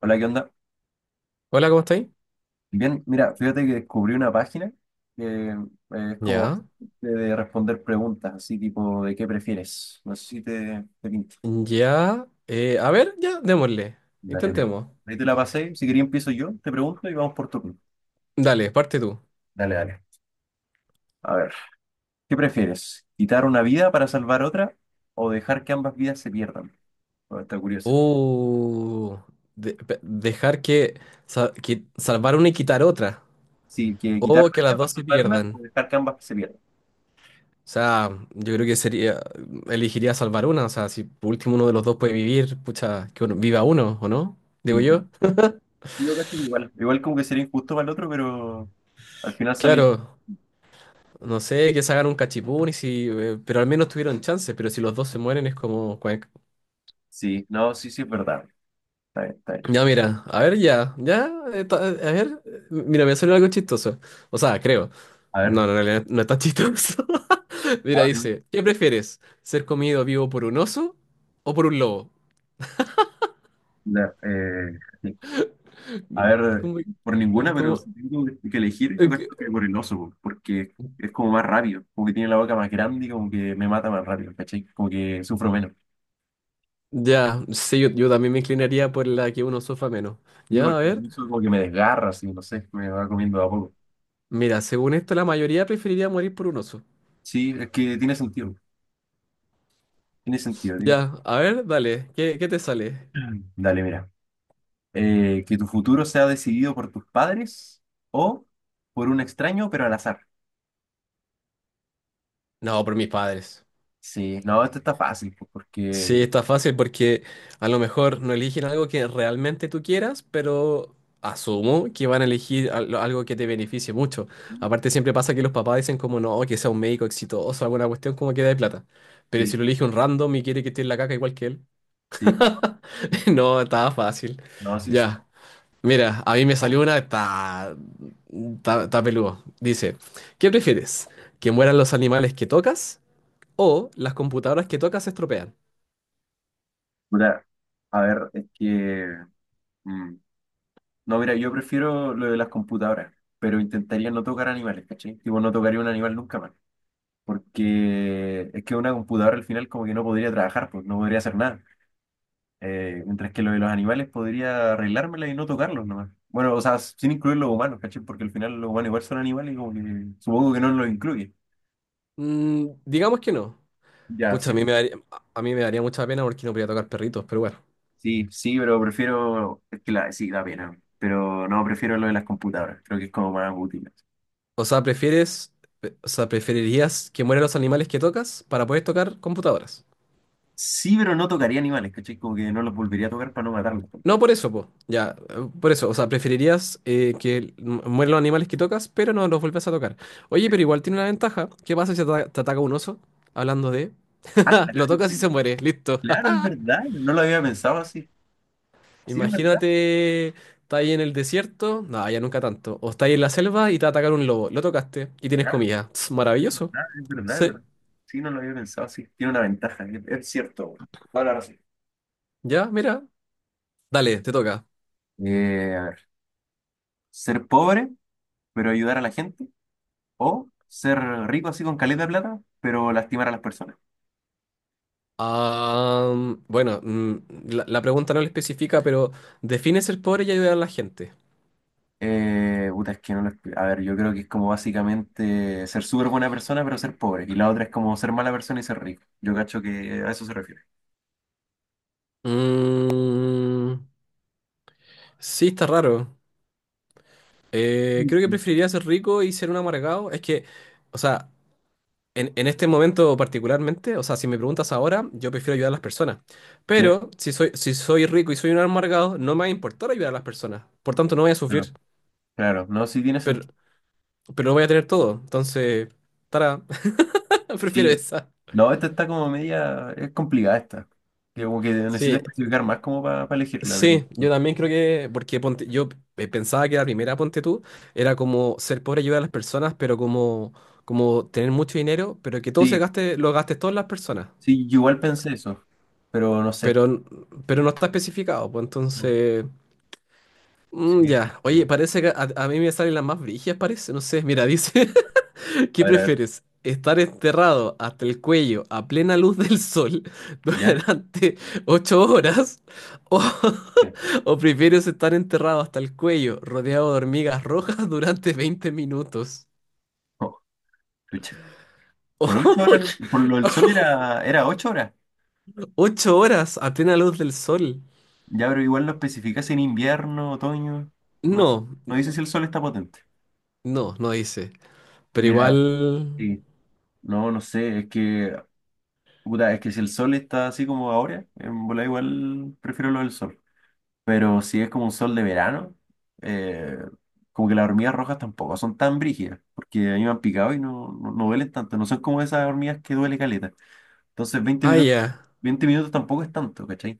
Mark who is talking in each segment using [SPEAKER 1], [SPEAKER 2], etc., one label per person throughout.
[SPEAKER 1] Hola, ¿qué onda?
[SPEAKER 2] Hola, ¿cómo estáis?
[SPEAKER 1] Bien, mira, fíjate que descubrí una página que es como
[SPEAKER 2] Ya,
[SPEAKER 1] de responder preguntas, así tipo de qué prefieres. No sé si te pinta.
[SPEAKER 2] démosle.
[SPEAKER 1] Dale, dale.
[SPEAKER 2] Intentemos.
[SPEAKER 1] Ahí te la pasé. Si quería empiezo yo, te pregunto y vamos por turno.
[SPEAKER 2] Dale, parte tú.
[SPEAKER 1] Dale, dale. A ver, ¿Qué prefieres? ¿Quitar una vida para salvar otra o dejar que ambas vidas se pierdan? Bueno, está curioso.
[SPEAKER 2] Uh, dejar que, que salvar una y quitar otra.
[SPEAKER 1] Sí, que quitar
[SPEAKER 2] O
[SPEAKER 1] una
[SPEAKER 2] que
[SPEAKER 1] vida
[SPEAKER 2] las
[SPEAKER 1] para
[SPEAKER 2] dos se
[SPEAKER 1] salvar una o
[SPEAKER 2] pierdan.
[SPEAKER 1] dejar que ambas se pierdan.
[SPEAKER 2] O sea, yo creo que sería, elegiría salvar una. O sea, si por último uno de los dos puede vivir, pucha, viva uno, ¿o no?
[SPEAKER 1] Sí,
[SPEAKER 2] Digo
[SPEAKER 1] es verdad.
[SPEAKER 2] yo.
[SPEAKER 1] Y yo cacho que igual. Igual como que sería injusto para el otro, pero al final sale.
[SPEAKER 2] Claro, no sé, que se hagan un cachipún y si, pero al menos tuvieron chance. Pero si los dos se mueren es como,
[SPEAKER 1] Sí, no, sí, sí, es verdad. Está bien, está bien.
[SPEAKER 2] ya, mira, a ver, ya, ya, ta- a ver, mira, me salió algo chistoso. O sea, creo.
[SPEAKER 1] A ver,
[SPEAKER 2] No, en realidad no es tan chistoso. Mira,
[SPEAKER 1] abre
[SPEAKER 2] dice, ¿qué prefieres? ¿Ser comido vivo por un oso o por un lobo?
[SPEAKER 1] sí. A ver,
[SPEAKER 2] ¿Cómo?
[SPEAKER 1] por ninguna, pero
[SPEAKER 2] ¿Cómo?
[SPEAKER 1] si tengo que elegir, yo
[SPEAKER 2] eh,
[SPEAKER 1] creo
[SPEAKER 2] qué-
[SPEAKER 1] que por el oso, po, porque es como más rápido, como que tiene la boca más grande y como que me mata más rápido, ¿cachai? Como que sufro menos.
[SPEAKER 2] Ya, sí, yo también me inclinaría por la que un oso fa menos.
[SPEAKER 1] Y
[SPEAKER 2] Ya,
[SPEAKER 1] porque
[SPEAKER 2] a ver,
[SPEAKER 1] el oso como que me desgarra, así, no sé, me va comiendo de a poco.
[SPEAKER 2] mira, según esto, la mayoría preferiría morir por un oso.
[SPEAKER 1] Sí, es que tiene sentido, tiene sentido.
[SPEAKER 2] Ya, a ver, dale, ¿qué te sale?
[SPEAKER 1] Dale, mira. Que tu futuro sea decidido por tus padres o por un extraño, pero al azar.
[SPEAKER 2] No, por mis padres.
[SPEAKER 1] Sí, no, esto está fácil, pues,
[SPEAKER 2] Sí,
[SPEAKER 1] porque
[SPEAKER 2] está fácil porque a lo mejor no eligen algo que realmente tú quieras, pero asumo que van a elegir algo que te beneficie mucho. Aparte siempre pasa que los papás dicen como no, que sea un médico exitoso, alguna cuestión como que de plata. Pero si
[SPEAKER 1] sí,
[SPEAKER 2] lo elige un random y quiere que esté en la caca igual que él.
[SPEAKER 1] sí,
[SPEAKER 2] No, estaba fácil.
[SPEAKER 1] no, sí, sí.
[SPEAKER 2] Ya. Mira, a mí me salió una, está peludo. Dice, ¿qué prefieres? ¿Que mueran los animales que tocas o las computadoras que tocas se estropean?
[SPEAKER 1] Puta, a ver, es que mm, no, mira, yo prefiero lo de las computadoras, pero intentaría no tocar animales, ¿cachai? Tipo, no tocaría un animal nunca más, porque es que una computadora al final como que no podría trabajar, pues no podría hacer nada. Mientras que lo de los animales podría arreglármela y no tocarlos nomás. Bueno, o sea, sin incluir los humanos, ¿cachai? Porque al final los humanos igual son animales y como que supongo que no los incluye.
[SPEAKER 2] Mm, digamos que no.
[SPEAKER 1] Ya,
[SPEAKER 2] Pucha,
[SPEAKER 1] sí.
[SPEAKER 2] a mí me daría mucha pena porque no podría tocar perritos, pero bueno.
[SPEAKER 1] Sí, sí, pero prefiero, es que la, sí, da pena, pero no, prefiero lo de las computadoras, creo que es como más útil.
[SPEAKER 2] O sea, prefieres, o sea, preferirías que mueran los animales que tocas para poder tocar computadoras.
[SPEAKER 1] Sí, pero no tocaría animales, ¿cachai? Como que no los volvería a tocar para no matarlos
[SPEAKER 2] No
[SPEAKER 1] tampoco.
[SPEAKER 2] por eso, po. Ya, por eso. O sea, preferirías que mueran los animales que tocas, pero no los vuelves a tocar. Oye, pero igual tiene una ventaja. ¿Qué pasa si te, te ataca un oso? Hablando de...
[SPEAKER 1] Ah, claro,
[SPEAKER 2] Lo tocas y se muere. Listo.
[SPEAKER 1] claro, es verdad, no lo había pensado así. Sí, es verdad,
[SPEAKER 2] Imagínate, está ahí en el desierto, no, ya nunca tanto, o está ahí en la selva y te va a atacar un lobo, lo tocaste y tienes
[SPEAKER 1] claro,
[SPEAKER 2] comida. Tss,
[SPEAKER 1] es
[SPEAKER 2] maravilloso.
[SPEAKER 1] verdad, es verdad, es
[SPEAKER 2] Sí,
[SPEAKER 1] verdad. Sí, no lo había pensado así, tiene una ventaja, es cierto, güey. Toda la razón.
[SPEAKER 2] ya, mira, dale, te toca.
[SPEAKER 1] A ver, ser pobre, pero ayudar a la gente, o ser rico así con caleta de plata, pero lastimar a las personas.
[SPEAKER 2] Ah, bueno, mm, la pregunta no lo especifica, pero ¿define ser pobre y ayudar a la gente?
[SPEAKER 1] Puta, es que no lo expli- a ver, yo creo que es como básicamente ser súper buena persona, pero ser pobre. Y la otra es como ser mala persona y ser rico. Yo cacho que a eso se refiere.
[SPEAKER 2] Mm, sí, está raro. Creo que
[SPEAKER 1] Ujú.
[SPEAKER 2] preferiría ser rico y ser un amargado. Es que, o sea, en este momento particularmente, o sea, si me preguntas ahora, yo prefiero ayudar a las personas.
[SPEAKER 1] Sí,
[SPEAKER 2] Pero si soy rico y soy un amargado, no me va a importar ayudar a las personas. Por tanto, no voy a
[SPEAKER 1] claro,
[SPEAKER 2] sufrir,
[SPEAKER 1] claro. No, sí tiene
[SPEAKER 2] pero,
[SPEAKER 1] sentido.
[SPEAKER 2] pero no voy a tener todo. Entonces, para, prefiero
[SPEAKER 1] Sí.
[SPEAKER 2] esa.
[SPEAKER 1] No, esta está como media. Es complicada esta. Que como que necesitas
[SPEAKER 2] Sí,
[SPEAKER 1] especificar más como para elegirla, pero.
[SPEAKER 2] sí, yo también creo que, porque ponte, yo pensaba que la primera, ponte tú, era como ser pobre ayudar a las personas, pero como, como tener mucho dinero, pero que todo se
[SPEAKER 1] Sí,
[SPEAKER 2] gaste, lo gastes todas las personas.
[SPEAKER 1] sí, yo igual
[SPEAKER 2] Ca-
[SPEAKER 1] pensé eso. Pero no
[SPEAKER 2] Pero,
[SPEAKER 1] sé.
[SPEAKER 2] pero no está especificado, pues entonces... Mm,
[SPEAKER 1] Sí, esta
[SPEAKER 2] ya,
[SPEAKER 1] sí.
[SPEAKER 2] oye, parece que a mí me salen las más brígidas, parece, no sé, mira, dice, ¿qué
[SPEAKER 1] A ver, a ver.
[SPEAKER 2] prefieres? ¿Estar enterrado hasta el cuello a plena luz del sol
[SPEAKER 1] ¿Ya?
[SPEAKER 2] durante 8 horas? ¿O,
[SPEAKER 1] Sí.
[SPEAKER 2] o prefieres estar enterrado hasta el cuello rodeado de hormigas rojas durante 20 minutos?
[SPEAKER 1] Oh, chucha. Por ocho horas, por lo del sol era 8 horas.
[SPEAKER 2] ¿8 horas a plena luz del sol?
[SPEAKER 1] Ya, pero igual lo especificas en invierno, otoño. No,
[SPEAKER 2] No,
[SPEAKER 1] no dice si el sol está potente.
[SPEAKER 2] no dice, pero
[SPEAKER 1] Mira,
[SPEAKER 2] igual...
[SPEAKER 1] sí. No, no sé, es que, puta, es que si el sol está así como ahora, en bola igual prefiero lo del sol. Pero si es como un sol de verano, eh, como que las hormigas rojas tampoco son tan brígidas, porque a mí me han picado y no, no, no duelen tanto, no son como esas hormigas que duele caleta. Entonces veinte
[SPEAKER 2] Ah,
[SPEAKER 1] minutos,
[SPEAKER 2] ya.
[SPEAKER 1] 20 minutos tampoco es tanto, ¿cachai?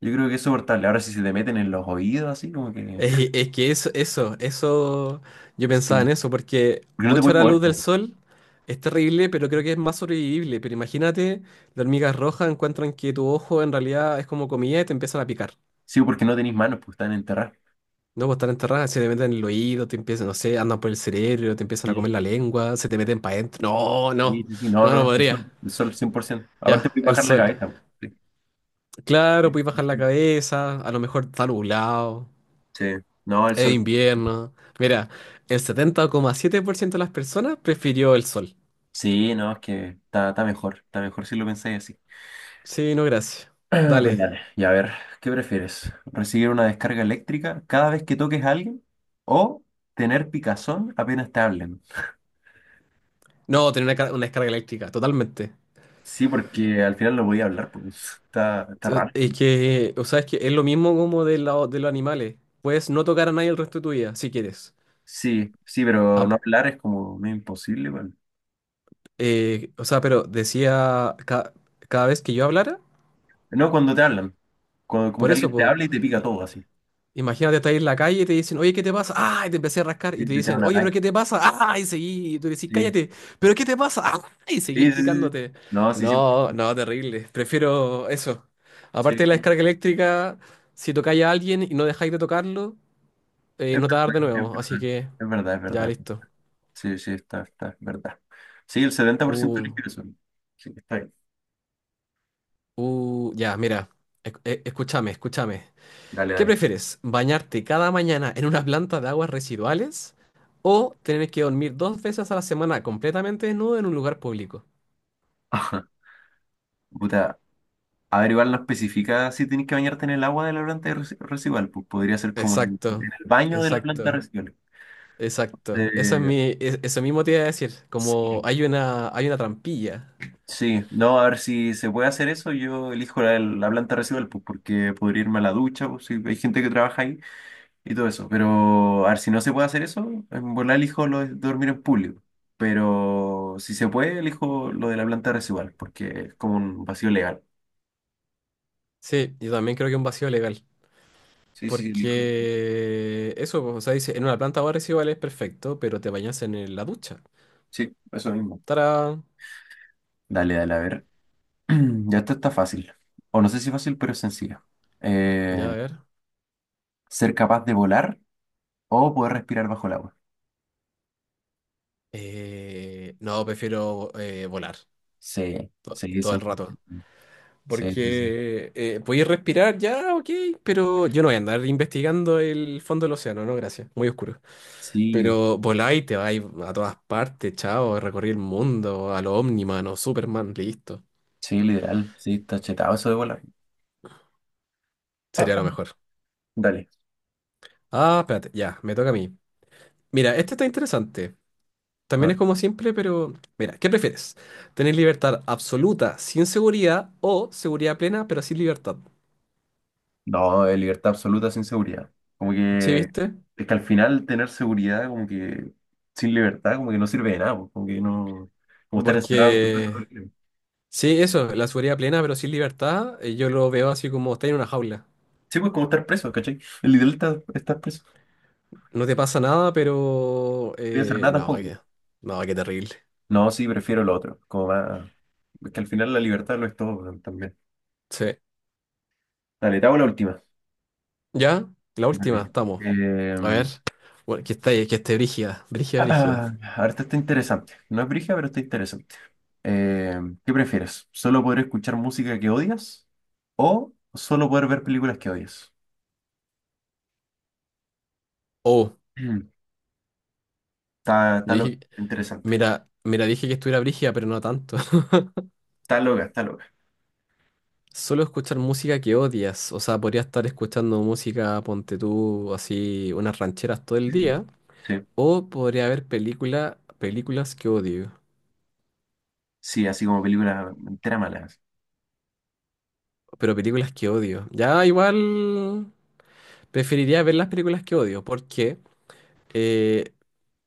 [SPEAKER 1] Yo creo que es soportable. Ahora si se te meten en los oídos así, como que...
[SPEAKER 2] Es, eso, yo pensaba en
[SPEAKER 1] Sí.
[SPEAKER 2] eso, porque
[SPEAKER 1] Porque no te
[SPEAKER 2] 8
[SPEAKER 1] puedes
[SPEAKER 2] horas
[SPEAKER 1] mover.
[SPEAKER 2] luz del sol es terrible, pero creo que es más sobrevivible. Pero imagínate, las hormigas rojas encuentran que tu ojo en realidad es como comida y te empiezan a picar.
[SPEAKER 1] Sí, porque no tenéis manos, pues están enterradas.
[SPEAKER 2] No, pues están enterradas, se te meten en el oído, te empiezan, no sé, andan por el cerebro, te empiezan a
[SPEAKER 1] Sí,
[SPEAKER 2] comer la lengua, se te meten para adentro.
[SPEAKER 1] sí,
[SPEAKER 2] No,
[SPEAKER 1] sí, sí, no, no,
[SPEAKER 2] no
[SPEAKER 1] no,
[SPEAKER 2] podría.
[SPEAKER 1] el sol 100%. Aparte,
[SPEAKER 2] Ya,
[SPEAKER 1] puedes
[SPEAKER 2] el
[SPEAKER 1] bajar la
[SPEAKER 2] sol.
[SPEAKER 1] cabeza, po. Sí,
[SPEAKER 2] Claro,
[SPEAKER 1] sí,
[SPEAKER 2] puedes bajar la
[SPEAKER 1] sí.
[SPEAKER 2] cabeza, a lo mejor está nublado.
[SPEAKER 1] Sí, no, el
[SPEAKER 2] Es
[SPEAKER 1] sol.
[SPEAKER 2] invierno. Mira, el 70,7% de las personas prefirió el sol.
[SPEAKER 1] Sí, no, es que está, está mejor si lo pensáis así.
[SPEAKER 2] Sí, no, gracias.
[SPEAKER 1] Ah, pero
[SPEAKER 2] Dale.
[SPEAKER 1] dale, y a ver, ¿Qué prefieres? ¿Recibir una descarga eléctrica cada vez que toques a alguien o tener picazón apenas te hablen?
[SPEAKER 2] No, tener una, una descarga eléctrica, totalmente.
[SPEAKER 1] Sí, porque al final no voy a hablar, pues está, está raro.
[SPEAKER 2] Es
[SPEAKER 1] Sí,
[SPEAKER 2] que, o sea, es que es lo mismo como de, de los animales. Puedes no tocar a nadie el resto de tu vida, si quieres.
[SPEAKER 1] sí, sí, pero no
[SPEAKER 2] Ap-
[SPEAKER 1] hablar es como medio imposible, bueno.
[SPEAKER 2] o sea, pero decía cada vez que yo hablara,
[SPEAKER 1] No cuando te hablan. Cuando- como
[SPEAKER 2] por
[SPEAKER 1] que
[SPEAKER 2] eso,
[SPEAKER 1] alguien te
[SPEAKER 2] po.
[SPEAKER 1] habla y te pica todo así.
[SPEAKER 2] Imagínate, estar en la calle y te dicen, oye, ¿qué te pasa? ¡Ah! Y te empecé a rascar. Y
[SPEAKER 1] Sí,
[SPEAKER 2] te
[SPEAKER 1] te da
[SPEAKER 2] dicen,
[SPEAKER 1] un
[SPEAKER 2] oye, ¿pero
[SPEAKER 1] ataque.
[SPEAKER 2] qué te pasa? ¡Ah! Y seguí. Y tú decís,
[SPEAKER 1] Sí.
[SPEAKER 2] cállate. ¿Pero qué te pasa? ¡Ah! Y seguís
[SPEAKER 1] Sí, sí, sí. Sí.
[SPEAKER 2] picándote.
[SPEAKER 1] No, sí, siempre.
[SPEAKER 2] No, no, terrible. Prefiero eso.
[SPEAKER 1] Sí.
[SPEAKER 2] Aparte de la descarga eléctrica, si tocáis a alguien y no dejáis de tocarlo,
[SPEAKER 1] Es
[SPEAKER 2] no te va a dar de
[SPEAKER 1] verdad, es
[SPEAKER 2] nuevo. Así
[SPEAKER 1] verdad.
[SPEAKER 2] que,
[SPEAKER 1] Es verdad, es
[SPEAKER 2] ya,
[SPEAKER 1] verdad.
[SPEAKER 2] listo.
[SPEAKER 1] Sí, sí, está, está, es verdad. Sí, el 70%
[SPEAKER 2] Uh,
[SPEAKER 1] elige eso. Sí, está bien.
[SPEAKER 2] ya, mira. Escúchame.
[SPEAKER 1] Dale,
[SPEAKER 2] ¿Qué
[SPEAKER 1] dale.
[SPEAKER 2] prefieres? ¿Bañarte cada mañana en una planta de aguas residuales o tener que dormir 2 veces a la semana completamente desnudo en un lugar público?
[SPEAKER 1] Ajá. Puta, a ver, igual no especifica si tienes que bañarte en el agua de la planta de residual. Pues podría ser como en
[SPEAKER 2] Exacto,
[SPEAKER 1] en el baño de la planta
[SPEAKER 2] exacto,
[SPEAKER 1] residual.
[SPEAKER 2] exacto. Eso es
[SPEAKER 1] Eh,
[SPEAKER 2] mi, eso mismo te iba a decir. Como
[SPEAKER 1] sí,
[SPEAKER 2] hay una trampilla.
[SPEAKER 1] sí, no, a ver si se puede hacer eso. Yo elijo la planta residual, pues, porque podría irme a la ducha, pues, si hay gente que trabaja ahí y todo eso. Pero a ver si no se puede hacer eso, en volar elijo lo de dormir en público. Pero si se puede, elijo lo de la planta residual, porque es como un vacío legal.
[SPEAKER 2] Sí, yo también creo que un vacío legal.
[SPEAKER 1] Sí, sí, elijo.
[SPEAKER 2] Porque eso, pues, o sea, dice, en una planta de aguas residuales perfecto, pero te bañas en la ducha.
[SPEAKER 1] Sí, eso mismo.
[SPEAKER 2] Tará.
[SPEAKER 1] Dale, dale, a ver. Ya esto está fácil. O no sé si fácil, pero es sencillo.
[SPEAKER 2] Ya,
[SPEAKER 1] Eh,
[SPEAKER 2] a ver.
[SPEAKER 1] Ser capaz de volar o poder respirar bajo el agua.
[SPEAKER 2] No, prefiero volar
[SPEAKER 1] Sí, sí,
[SPEAKER 2] todo el rato.
[SPEAKER 1] 100%. Sí, sí, sí.
[SPEAKER 2] Porque podéis respirar ya, ok, pero yo no voy a andar investigando el fondo del océano, no, gracias, muy oscuro.
[SPEAKER 1] Sí,
[SPEAKER 2] Pero voláis, te vais a todas partes, chao, recorrí el mundo, a lo Omniman o Superman, listo.
[SPEAKER 1] sí, literal. Sí, está chetado eso de volar.
[SPEAKER 2] Sería lo mejor.
[SPEAKER 1] Dale.
[SPEAKER 2] Ah, espérate, ya, me toca a mí. Mira, este está interesante. También
[SPEAKER 1] No,
[SPEAKER 2] es como siempre, pero mira, ¿qué prefieres? ¿Tener libertad absoluta sin seguridad o seguridad plena pero sin libertad?
[SPEAKER 1] no, es libertad absoluta sin seguridad. Como
[SPEAKER 2] ¿Sí
[SPEAKER 1] que
[SPEAKER 2] viste?
[SPEAKER 1] es que al final tener seguridad, como que sin libertad, como que no sirve de nada, pues, como que no. Como estar encerrado en tu casa todo el
[SPEAKER 2] Porque
[SPEAKER 1] tiempo.
[SPEAKER 2] sí, eso, la seguridad plena, pero sin libertad, yo lo veo así como estar en una jaula.
[SPEAKER 1] Sí, pues como estar preso, ¿cachai? El ideal está estar preso. No
[SPEAKER 2] No te pasa nada, pero...
[SPEAKER 1] voy a hacer nada tampoco.
[SPEAKER 2] no, qué terrible.
[SPEAKER 1] No, sí, prefiero lo otro. Como más. Es que al final la libertad lo es todo también.
[SPEAKER 2] Sí.
[SPEAKER 1] Dale, te hago la última.
[SPEAKER 2] Ya, la última,
[SPEAKER 1] Dale.
[SPEAKER 2] estamos. A ver. Bueno, que esté brígida, brígida, brígida.
[SPEAKER 1] Ah, ahorita está interesante. No es brígida, pero está interesante. Eh, ¿Qué prefieres? ¿Solo poder escuchar música que odias o solo poder ver películas que odias?
[SPEAKER 2] Oh,
[SPEAKER 1] Mm, Está, está
[SPEAKER 2] yo
[SPEAKER 1] loca,
[SPEAKER 2] dije,
[SPEAKER 1] interesante.
[SPEAKER 2] mira, dije que estuviera brígida, pero no tanto.
[SPEAKER 1] Está loca, está loca.
[SPEAKER 2] Solo escuchar música que odias. O sea, podría estar escuchando música, ponte tú, así, unas rancheras todo el
[SPEAKER 1] Mm.
[SPEAKER 2] día.
[SPEAKER 1] Sí,
[SPEAKER 2] O podría haber películas que odio.
[SPEAKER 1] sí, así como películas enteras malas.
[SPEAKER 2] Pero películas que odio. Ya igual preferiría ver las películas que odio, porque eh,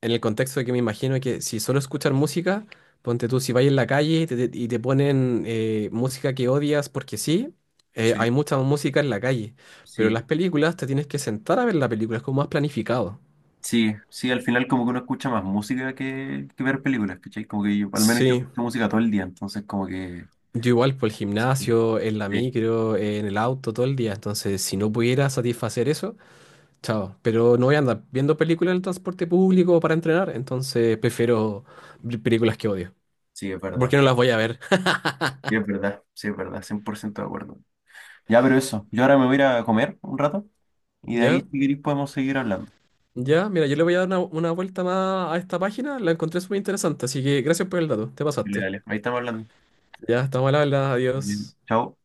[SPEAKER 2] en el contexto de que me imagino que si solo escuchar música, ponte tú, si vas en la calle y te, y te ponen música que odias porque sí,
[SPEAKER 1] Sí,
[SPEAKER 2] hay mucha música en la calle, pero
[SPEAKER 1] sí,
[SPEAKER 2] en las películas te tienes que sentar a ver la película, es como más planificado.
[SPEAKER 1] sí, sí, al final como que uno escucha más música que ver películas, ¿cachai? Como que yo, al menos yo
[SPEAKER 2] Sí,
[SPEAKER 1] escucho música todo el día, entonces como que...
[SPEAKER 2] yo igual por el
[SPEAKER 1] Sí,
[SPEAKER 2] gimnasio, en la
[SPEAKER 1] sí,
[SPEAKER 2] micro, en el auto, todo el día, entonces si no pudiera satisfacer eso... Chao. Pero no voy a andar viendo películas en el transporte público para entrenar, entonces prefiero películas que odio.
[SPEAKER 1] sí, es
[SPEAKER 2] Porque
[SPEAKER 1] verdad.
[SPEAKER 2] no las voy a ver.
[SPEAKER 1] Sí, es verdad, sí, es verdad, 100% de acuerdo. Ya, pero eso. Yo ahora me voy a ir a comer un rato y de ahí,
[SPEAKER 2] ¿Ya?
[SPEAKER 1] si queréis, podemos seguir hablando.
[SPEAKER 2] Ya, mira, yo le voy a dar una vuelta más a esta página. La encontré súper interesante, así que gracias por el dato. Te
[SPEAKER 1] Dale,
[SPEAKER 2] pasaste.
[SPEAKER 1] dale. Ahí estamos hablando.
[SPEAKER 2] Ya, estamos al habla.
[SPEAKER 1] Bien.
[SPEAKER 2] Adiós.
[SPEAKER 1] Chao.